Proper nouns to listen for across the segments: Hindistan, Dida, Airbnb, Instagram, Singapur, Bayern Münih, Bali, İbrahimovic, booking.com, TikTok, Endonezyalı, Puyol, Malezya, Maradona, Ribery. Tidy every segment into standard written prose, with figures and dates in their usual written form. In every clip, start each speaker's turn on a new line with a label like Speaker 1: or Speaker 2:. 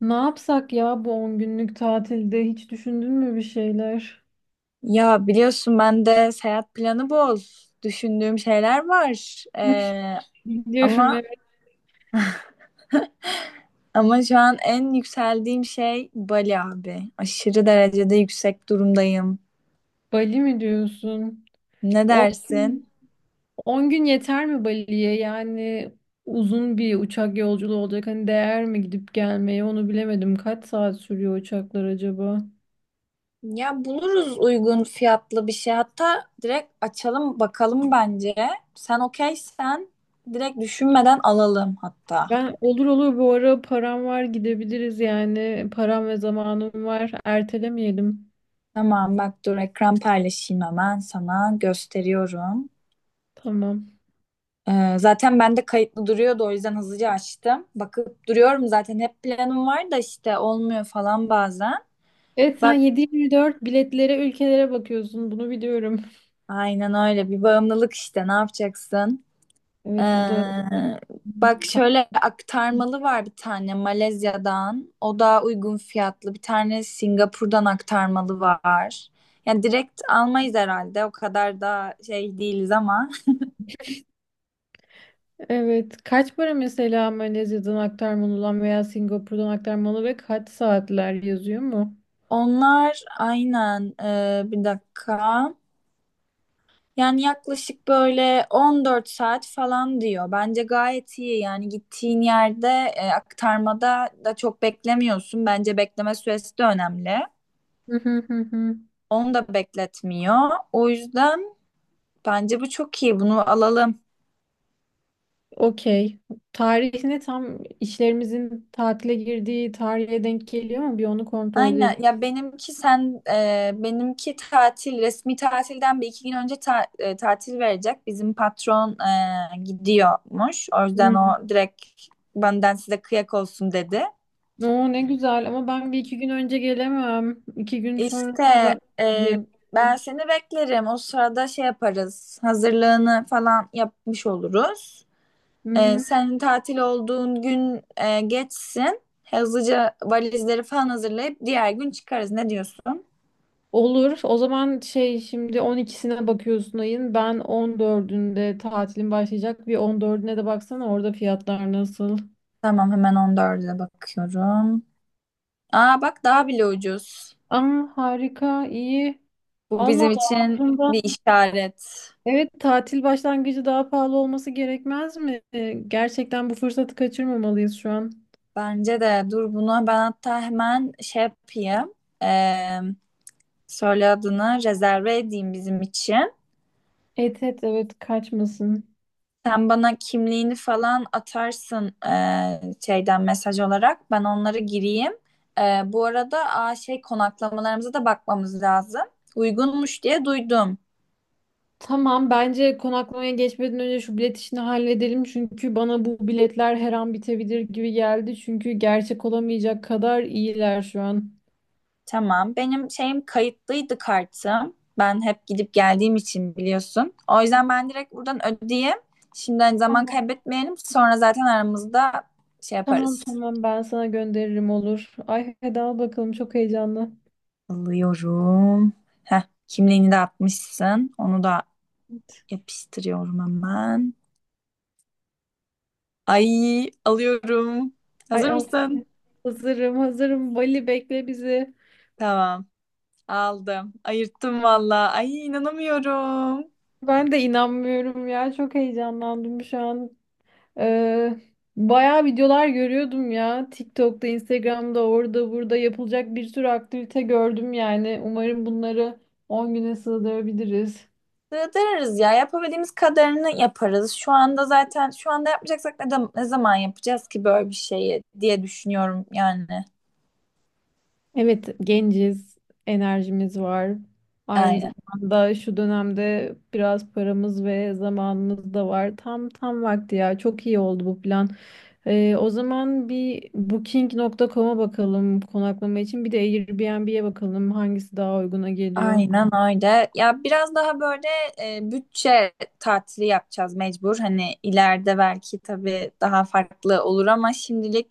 Speaker 1: Ne yapsak ya bu 10 günlük tatilde hiç düşündün mü bir şeyler?
Speaker 2: Ya biliyorsun ben de seyahat planı bol. Düşündüğüm şeyler var.
Speaker 1: Biliyorum,
Speaker 2: Ama
Speaker 1: evet.
Speaker 2: ama şu an en yükseldiğim şey Bali abi. Aşırı derecede yüksek durumdayım.
Speaker 1: Bali mi diyorsun?
Speaker 2: Ne
Speaker 1: 10,
Speaker 2: dersin?
Speaker 1: 10 gün yeter mi Bali'ye? Yani uzun bir uçak yolculuğu olacak. Hani değer mi gidip gelmeye, onu bilemedim. Kaç saat sürüyor uçaklar acaba?
Speaker 2: Ya buluruz uygun fiyatlı bir şey. Hatta direkt açalım bakalım bence. Sen okeysen direkt düşünmeden alalım hatta.
Speaker 1: Ben olur olur, bu ara param var, gidebiliriz yani. Param ve zamanım var. Ertelemeyelim.
Speaker 2: Tamam bak dur ekran paylaşayım hemen sana gösteriyorum.
Speaker 1: Tamam.
Speaker 2: Zaten ben de kayıtlı duruyordu, o yüzden hızlıca açtım. Bakıp duruyorum zaten, hep planım var da işte olmuyor falan bazen.
Speaker 1: Evet, sen
Speaker 2: Bak,
Speaker 1: 7-24 biletlere, ülkelere bakıyorsun. Bunu biliyorum.
Speaker 2: aynen öyle bir bağımlılık işte, ne yapacaksın? Ee,
Speaker 1: Evet, bu da
Speaker 2: Bak
Speaker 1: Kap-
Speaker 2: şöyle aktarmalı var bir tane Malezya'dan. O daha uygun fiyatlı. Bir tane Singapur'dan aktarmalı var. Yani direkt almayız herhalde. O kadar da şey değiliz ama.
Speaker 1: evet. Kaç para mesela Malezya'dan aktarmalıdan veya Singapur'dan aktarmalı, ve kaç saatler yazıyor mu?
Speaker 2: Onlar aynen bir dakika. Yani yaklaşık böyle 14 saat falan diyor. Bence gayet iyi. Yani gittiğin yerde aktarmada da çok beklemiyorsun. Bence bekleme süresi de önemli.
Speaker 1: Hı hı hı hı.
Speaker 2: Onu da bekletmiyor. O yüzden bence bu çok iyi. Bunu alalım.
Speaker 1: Okey. Tarihine, tam işlerimizin tatile girdiği tarihe denk geliyor mu? Bir onu kontrol
Speaker 2: Aynen.
Speaker 1: edelim.
Speaker 2: Ya benimki sen benimki tatil, resmi tatilden bir iki gün önce tatil verecek. Bizim patron gidiyormuş. O yüzden
Speaker 1: Hı.
Speaker 2: o direkt benden size kıyak olsun dedi.
Speaker 1: Oo, ne güzel, ama ben bir iki gün önce gelemem. İki gün sonrasına
Speaker 2: İşte
Speaker 1: bak.
Speaker 2: e, ben seni beklerim. O sırada şey yaparız. Hazırlığını falan yapmış oluruz.
Speaker 1: Hı hı.
Speaker 2: Senin tatil olduğun gün geçsin. Hızlıca valizleri falan hazırlayıp diğer gün çıkarız. Ne diyorsun?
Speaker 1: Olur. O zaman şimdi 12'sine bakıyorsun ayın. Ben 14'ünde tatilim başlayacak. Bir 14'üne de baksana, orada fiyatlar nasıl.
Speaker 2: Tamam hemen 14'e bakıyorum. Aa bak, daha bile ucuz.
Speaker 1: Aa, harika, iyi.
Speaker 2: Bu bizim
Speaker 1: Allah Allah,
Speaker 2: için bir
Speaker 1: aslında.
Speaker 2: işaret.
Speaker 1: Evet, tatil başlangıcı daha pahalı olması gerekmez mi? Gerçekten bu fırsatı kaçırmamalıyız şu an.
Speaker 2: Bence de dur, bunu ben hatta hemen şey yapayım. E, Söyle adını, rezerve edeyim bizim için.
Speaker 1: Et et, evet, kaçmasın.
Speaker 2: Sen bana kimliğini falan atarsın şeyden, mesaj olarak. Ben onları gireyim. Bu arada şey, konaklamalarımıza da bakmamız lazım. Uygunmuş diye duydum.
Speaker 1: Tamam, bence konaklamaya geçmeden önce şu bilet işini halledelim. Çünkü bana bu biletler her an bitebilir gibi geldi. Çünkü gerçek olamayacak kadar iyiler şu an.
Speaker 2: Tamam. Benim şeyim kayıtlıydı, kartım. Ben hep gidip geldiğim için biliyorsun. O yüzden ben direkt buradan ödeyeyim. Şimdiden zaman
Speaker 1: Tamam.
Speaker 2: kaybetmeyelim. Sonra zaten aramızda şey
Speaker 1: Tamam
Speaker 2: yaparız.
Speaker 1: tamam, ben sana gönderirim, olur. Ay, hadi al bakalım, çok heyecanlı.
Speaker 2: Alıyorum. Heh, kimliğini de atmışsın. Onu da yapıştırıyorum hemen. Ay alıyorum.
Speaker 1: Ay,
Speaker 2: Hazır
Speaker 1: al.
Speaker 2: mısın?
Speaker 1: Hazırım hazırım. Bali, bekle bizi.
Speaker 2: Tamam. Aldım. Ayırttım valla. Ay inanamıyorum.
Speaker 1: Ben de inanmıyorum ya, çok heyecanlandım şu an. Ee, bayağı videolar görüyordum ya. TikTok'ta, Instagram'da, orada burada yapılacak bir sürü aktivite gördüm yani. Umarım bunları 10 güne sığdırabiliriz.
Speaker 2: Sığdırırız ya. Yapabildiğimiz kadarını yaparız. Şu anda, zaten şu anda yapmayacaksak ne zaman yapacağız ki böyle bir şeyi diye düşünüyorum yani.
Speaker 1: Evet, genciz, enerjimiz var. Aynı
Speaker 2: Aynen.
Speaker 1: zamanda şu dönemde biraz paramız ve zamanımız da var. Tam vakti ya. Çok iyi oldu bu plan. O zaman bir booking.com'a bakalım konaklama için. Bir de Airbnb'ye bakalım hangisi daha uyguna geliyor.
Speaker 2: Aynen öyle. Ya biraz daha böyle bütçe tatili yapacağız mecbur. Hani ileride belki tabii daha farklı olur ama şimdilik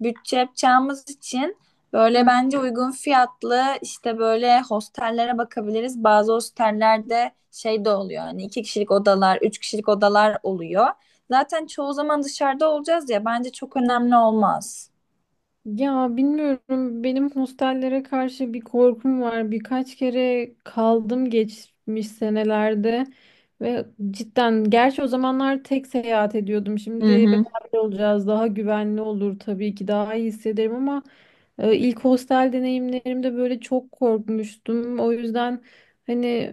Speaker 2: bütçe yapacağımız için böyle
Speaker 1: Hı,
Speaker 2: bence uygun fiyatlı işte böyle hostellere bakabiliriz. Bazı hostellerde şey de oluyor. Hani iki kişilik odalar, üç kişilik odalar oluyor. Zaten çoğu zaman dışarıda olacağız ya, bence çok önemli olmaz.
Speaker 1: ya bilmiyorum, benim hostellere karşı bir korkum var. Birkaç kere kaldım geçmiş senelerde ve cidden, gerçi o zamanlar tek seyahat ediyordum.
Speaker 2: Hı
Speaker 1: Şimdi
Speaker 2: hı.
Speaker 1: beraber olacağız, daha güvenli olur, tabii ki daha iyi hissederim ama ilk hostel deneyimlerimde böyle çok korkmuştum. O yüzden hani,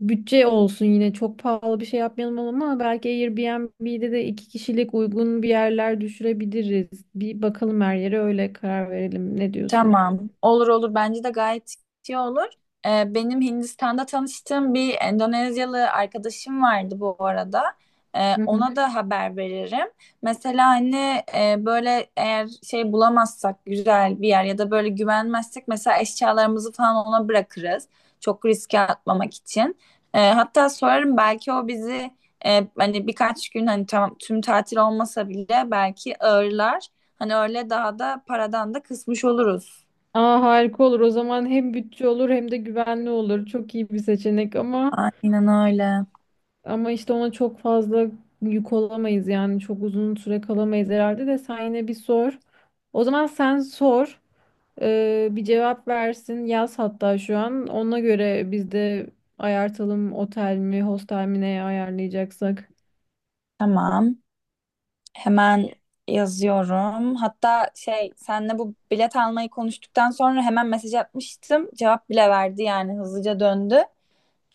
Speaker 1: bütçe olsun yine, çok pahalı bir şey yapmayalım ama belki Airbnb'de de iki kişilik uygun bir yerler düşürebiliriz. Bir bakalım her yere, öyle karar verelim. Ne diyorsun?
Speaker 2: Tamam. Olur olur. Bence de gayet iyi olur. Benim Hindistan'da tanıştığım bir Endonezyalı arkadaşım vardı bu arada.
Speaker 1: Hı hı.
Speaker 2: Ona da haber veririm. Mesela hani böyle eğer şey bulamazsak güzel bir yer ya da böyle güvenmezsek mesela eşyalarımızı falan ona bırakırız. Çok riske atmamak için. Hatta sorarım, belki o bizi hani birkaç gün, hani tamam tüm tatil olmasa bile belki ağırlar. Hani öyle daha da paradan da kısmış oluruz.
Speaker 1: Aa, harika olur. O zaman hem bütçe olur hem de güvenli olur. Çok iyi bir seçenek ama
Speaker 2: Aynen öyle.
Speaker 1: ama, işte ona çok fazla yük olamayız yani, çok uzun süre kalamayız herhalde. De sen yine bir sor. O zaman sen sor. Bir cevap versin. Yaz hatta şu an. Ona göre biz de ayartalım, otel mi, hostel mi, neye ayarlayacaksak.
Speaker 2: Tamam. Hemen yazıyorum. Hatta şey, senle bu bilet almayı konuştuktan sonra hemen mesaj atmıştım. Cevap bile verdi, yani hızlıca döndü.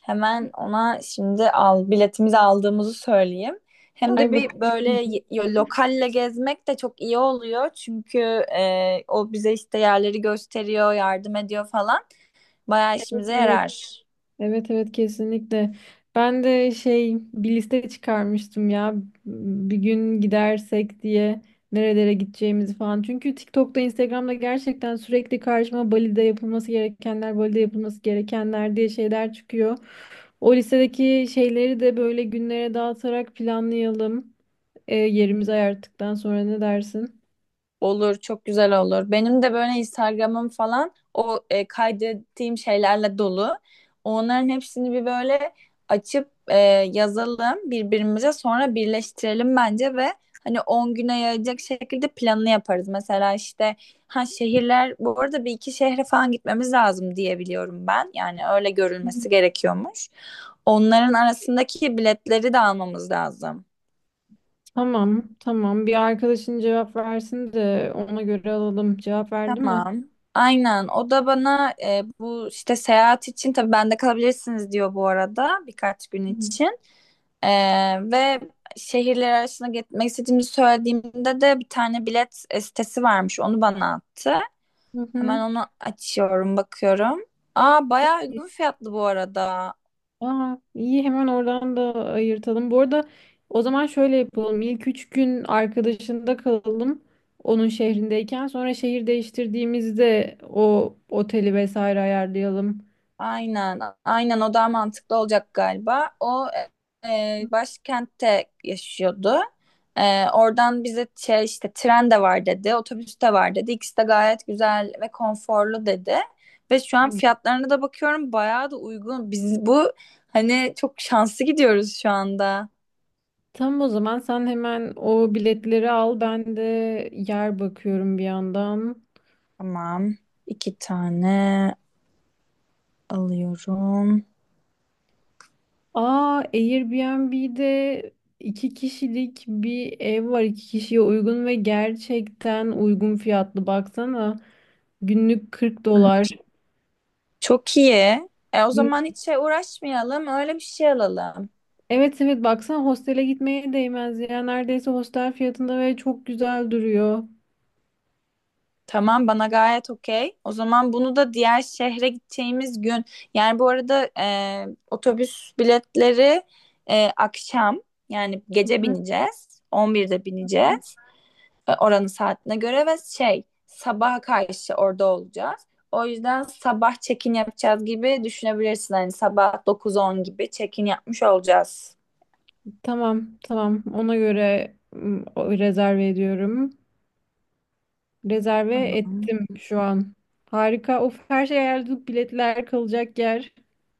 Speaker 2: Hemen ona şimdi al biletimizi aldığımızı söyleyeyim. Hem de
Speaker 1: Ay,
Speaker 2: bir böyle
Speaker 1: bakalım.
Speaker 2: lokalle gezmek de çok iyi oluyor. Çünkü o bize işte yerleri gösteriyor, yardım ediyor falan. Bayağı işimize
Speaker 1: Evet,
Speaker 2: yarar.
Speaker 1: Evet evet, kesinlikle. Ben de bir liste çıkarmıştım ya, bir gün gidersek diye nerelere gideceğimizi falan. Çünkü TikTok'ta, Instagram'da gerçekten sürekli karşıma "Bali'de yapılması gerekenler, Bali'de yapılması gerekenler" diye şeyler çıkıyor. O listedeki şeyleri de böyle günlere dağıtarak planlayalım. Yerimizi ayarttıktan sonra, ne dersin?
Speaker 2: Olur, çok güzel olur. Benim de böyle Instagram'ım falan o kaydettiğim şeylerle dolu. Onların hepsini bir böyle açıp yazalım birbirimize, sonra birleştirelim bence ve hani 10 güne yayacak şekilde planını yaparız. Mesela işte ha, şehirler, bu arada bir iki şehre falan gitmemiz lazım diye biliyorum ben. Yani öyle görülmesi gerekiyormuş. Onların arasındaki biletleri de almamız lazım.
Speaker 1: Tamam, tamam. Bir arkadaşın cevap versin de ona göre alalım. Cevap verdi mi?
Speaker 2: Tamam. Aynen. O da bana bu işte seyahat için tabii bende kalabilirsiniz diyor bu arada, birkaç gün için. E, Ve şehirler arasında gitmek istediğimi söylediğimde de bir tane bilet sitesi varmış. Onu bana attı.
Speaker 1: Hı
Speaker 2: Hemen
Speaker 1: hı.
Speaker 2: onu açıyorum, bakıyorum. Aa
Speaker 1: Çok
Speaker 2: bayağı
Speaker 1: iyi.
Speaker 2: uygun fiyatlı bu arada.
Speaker 1: Aa, iyi, hemen oradan da ayırtalım. Bu arada o zaman şöyle yapalım. İlk üç gün arkadaşında kalalım, onun şehrindeyken. Sonra şehir değiştirdiğimizde o oteli vesaire ayarlayalım.
Speaker 2: Aynen, aynen o daha mantıklı olacak galiba. O başkentte yaşıyordu. Oradan bize şey, işte tren de var dedi, otobüs de var dedi. İkisi de gayet güzel ve konforlu dedi. Ve şu an
Speaker 1: Hı.
Speaker 2: fiyatlarına da bakıyorum, bayağı da uygun. Biz bu hani çok şanslı gidiyoruz şu anda.
Speaker 1: Tamam, o zaman sen hemen o biletleri al. Ben de yer bakıyorum bir yandan.
Speaker 2: Tamam. iki tane alıyorum.
Speaker 1: Aa, Airbnb'de iki kişilik bir ev var. İki kişiye uygun ve gerçekten uygun fiyatlı, baksana. Günlük $40.
Speaker 2: Çok iyi. O
Speaker 1: Gün-
Speaker 2: zaman hiç şey uğraşmayalım, öyle bir şey alalım.
Speaker 1: Evet evet, baksana, hostele gitmeye değmez ya. Neredeyse hostel fiyatında ve çok güzel duruyor.
Speaker 2: Tamam, bana gayet okey. O zaman bunu da diğer şehre gideceğimiz gün. Yani bu arada otobüs biletleri akşam, yani
Speaker 1: Hı
Speaker 2: gece
Speaker 1: hı.
Speaker 2: bineceğiz. 11'de bineceğiz. Oranın saatine göre, ve şey sabaha karşı orada olacağız. O yüzden sabah check-in yapacağız gibi düşünebilirsin. Hani sabah 9-10 gibi check-in yapmış olacağız.
Speaker 1: Tamam tamam, ona göre rezerve ediyorum. Rezerve
Speaker 2: Tamam.
Speaker 1: ettim şu an. Harika. Of, her şey ayarladık. Biletler, kalacak yer.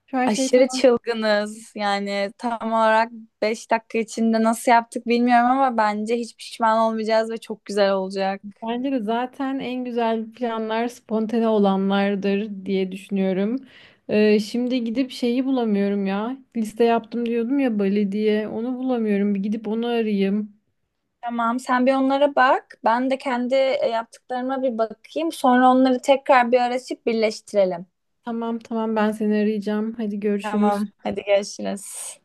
Speaker 1: Şu, her şey
Speaker 2: Aşırı
Speaker 1: tamam.
Speaker 2: çılgınız. Yani tam olarak 5 dakika içinde nasıl yaptık bilmiyorum ama bence hiç pişman olmayacağız ve çok güzel olacak.
Speaker 1: Bence de zaten en güzel planlar spontane olanlardır diye düşünüyorum. Şimdi gidip şeyi bulamıyorum ya. Liste yaptım diyordum ya, Bali diye. Onu bulamıyorum. Bir gidip onu arayayım.
Speaker 2: Tamam, sen bir onlara bak. Ben de kendi yaptıklarıma bir bakayım. Sonra onları tekrar bir arasıp birleştirelim.
Speaker 1: Tamam tamam, ben seni arayacağım. Hadi görüşürüz.
Speaker 2: Tamam, hadi görüşürüz.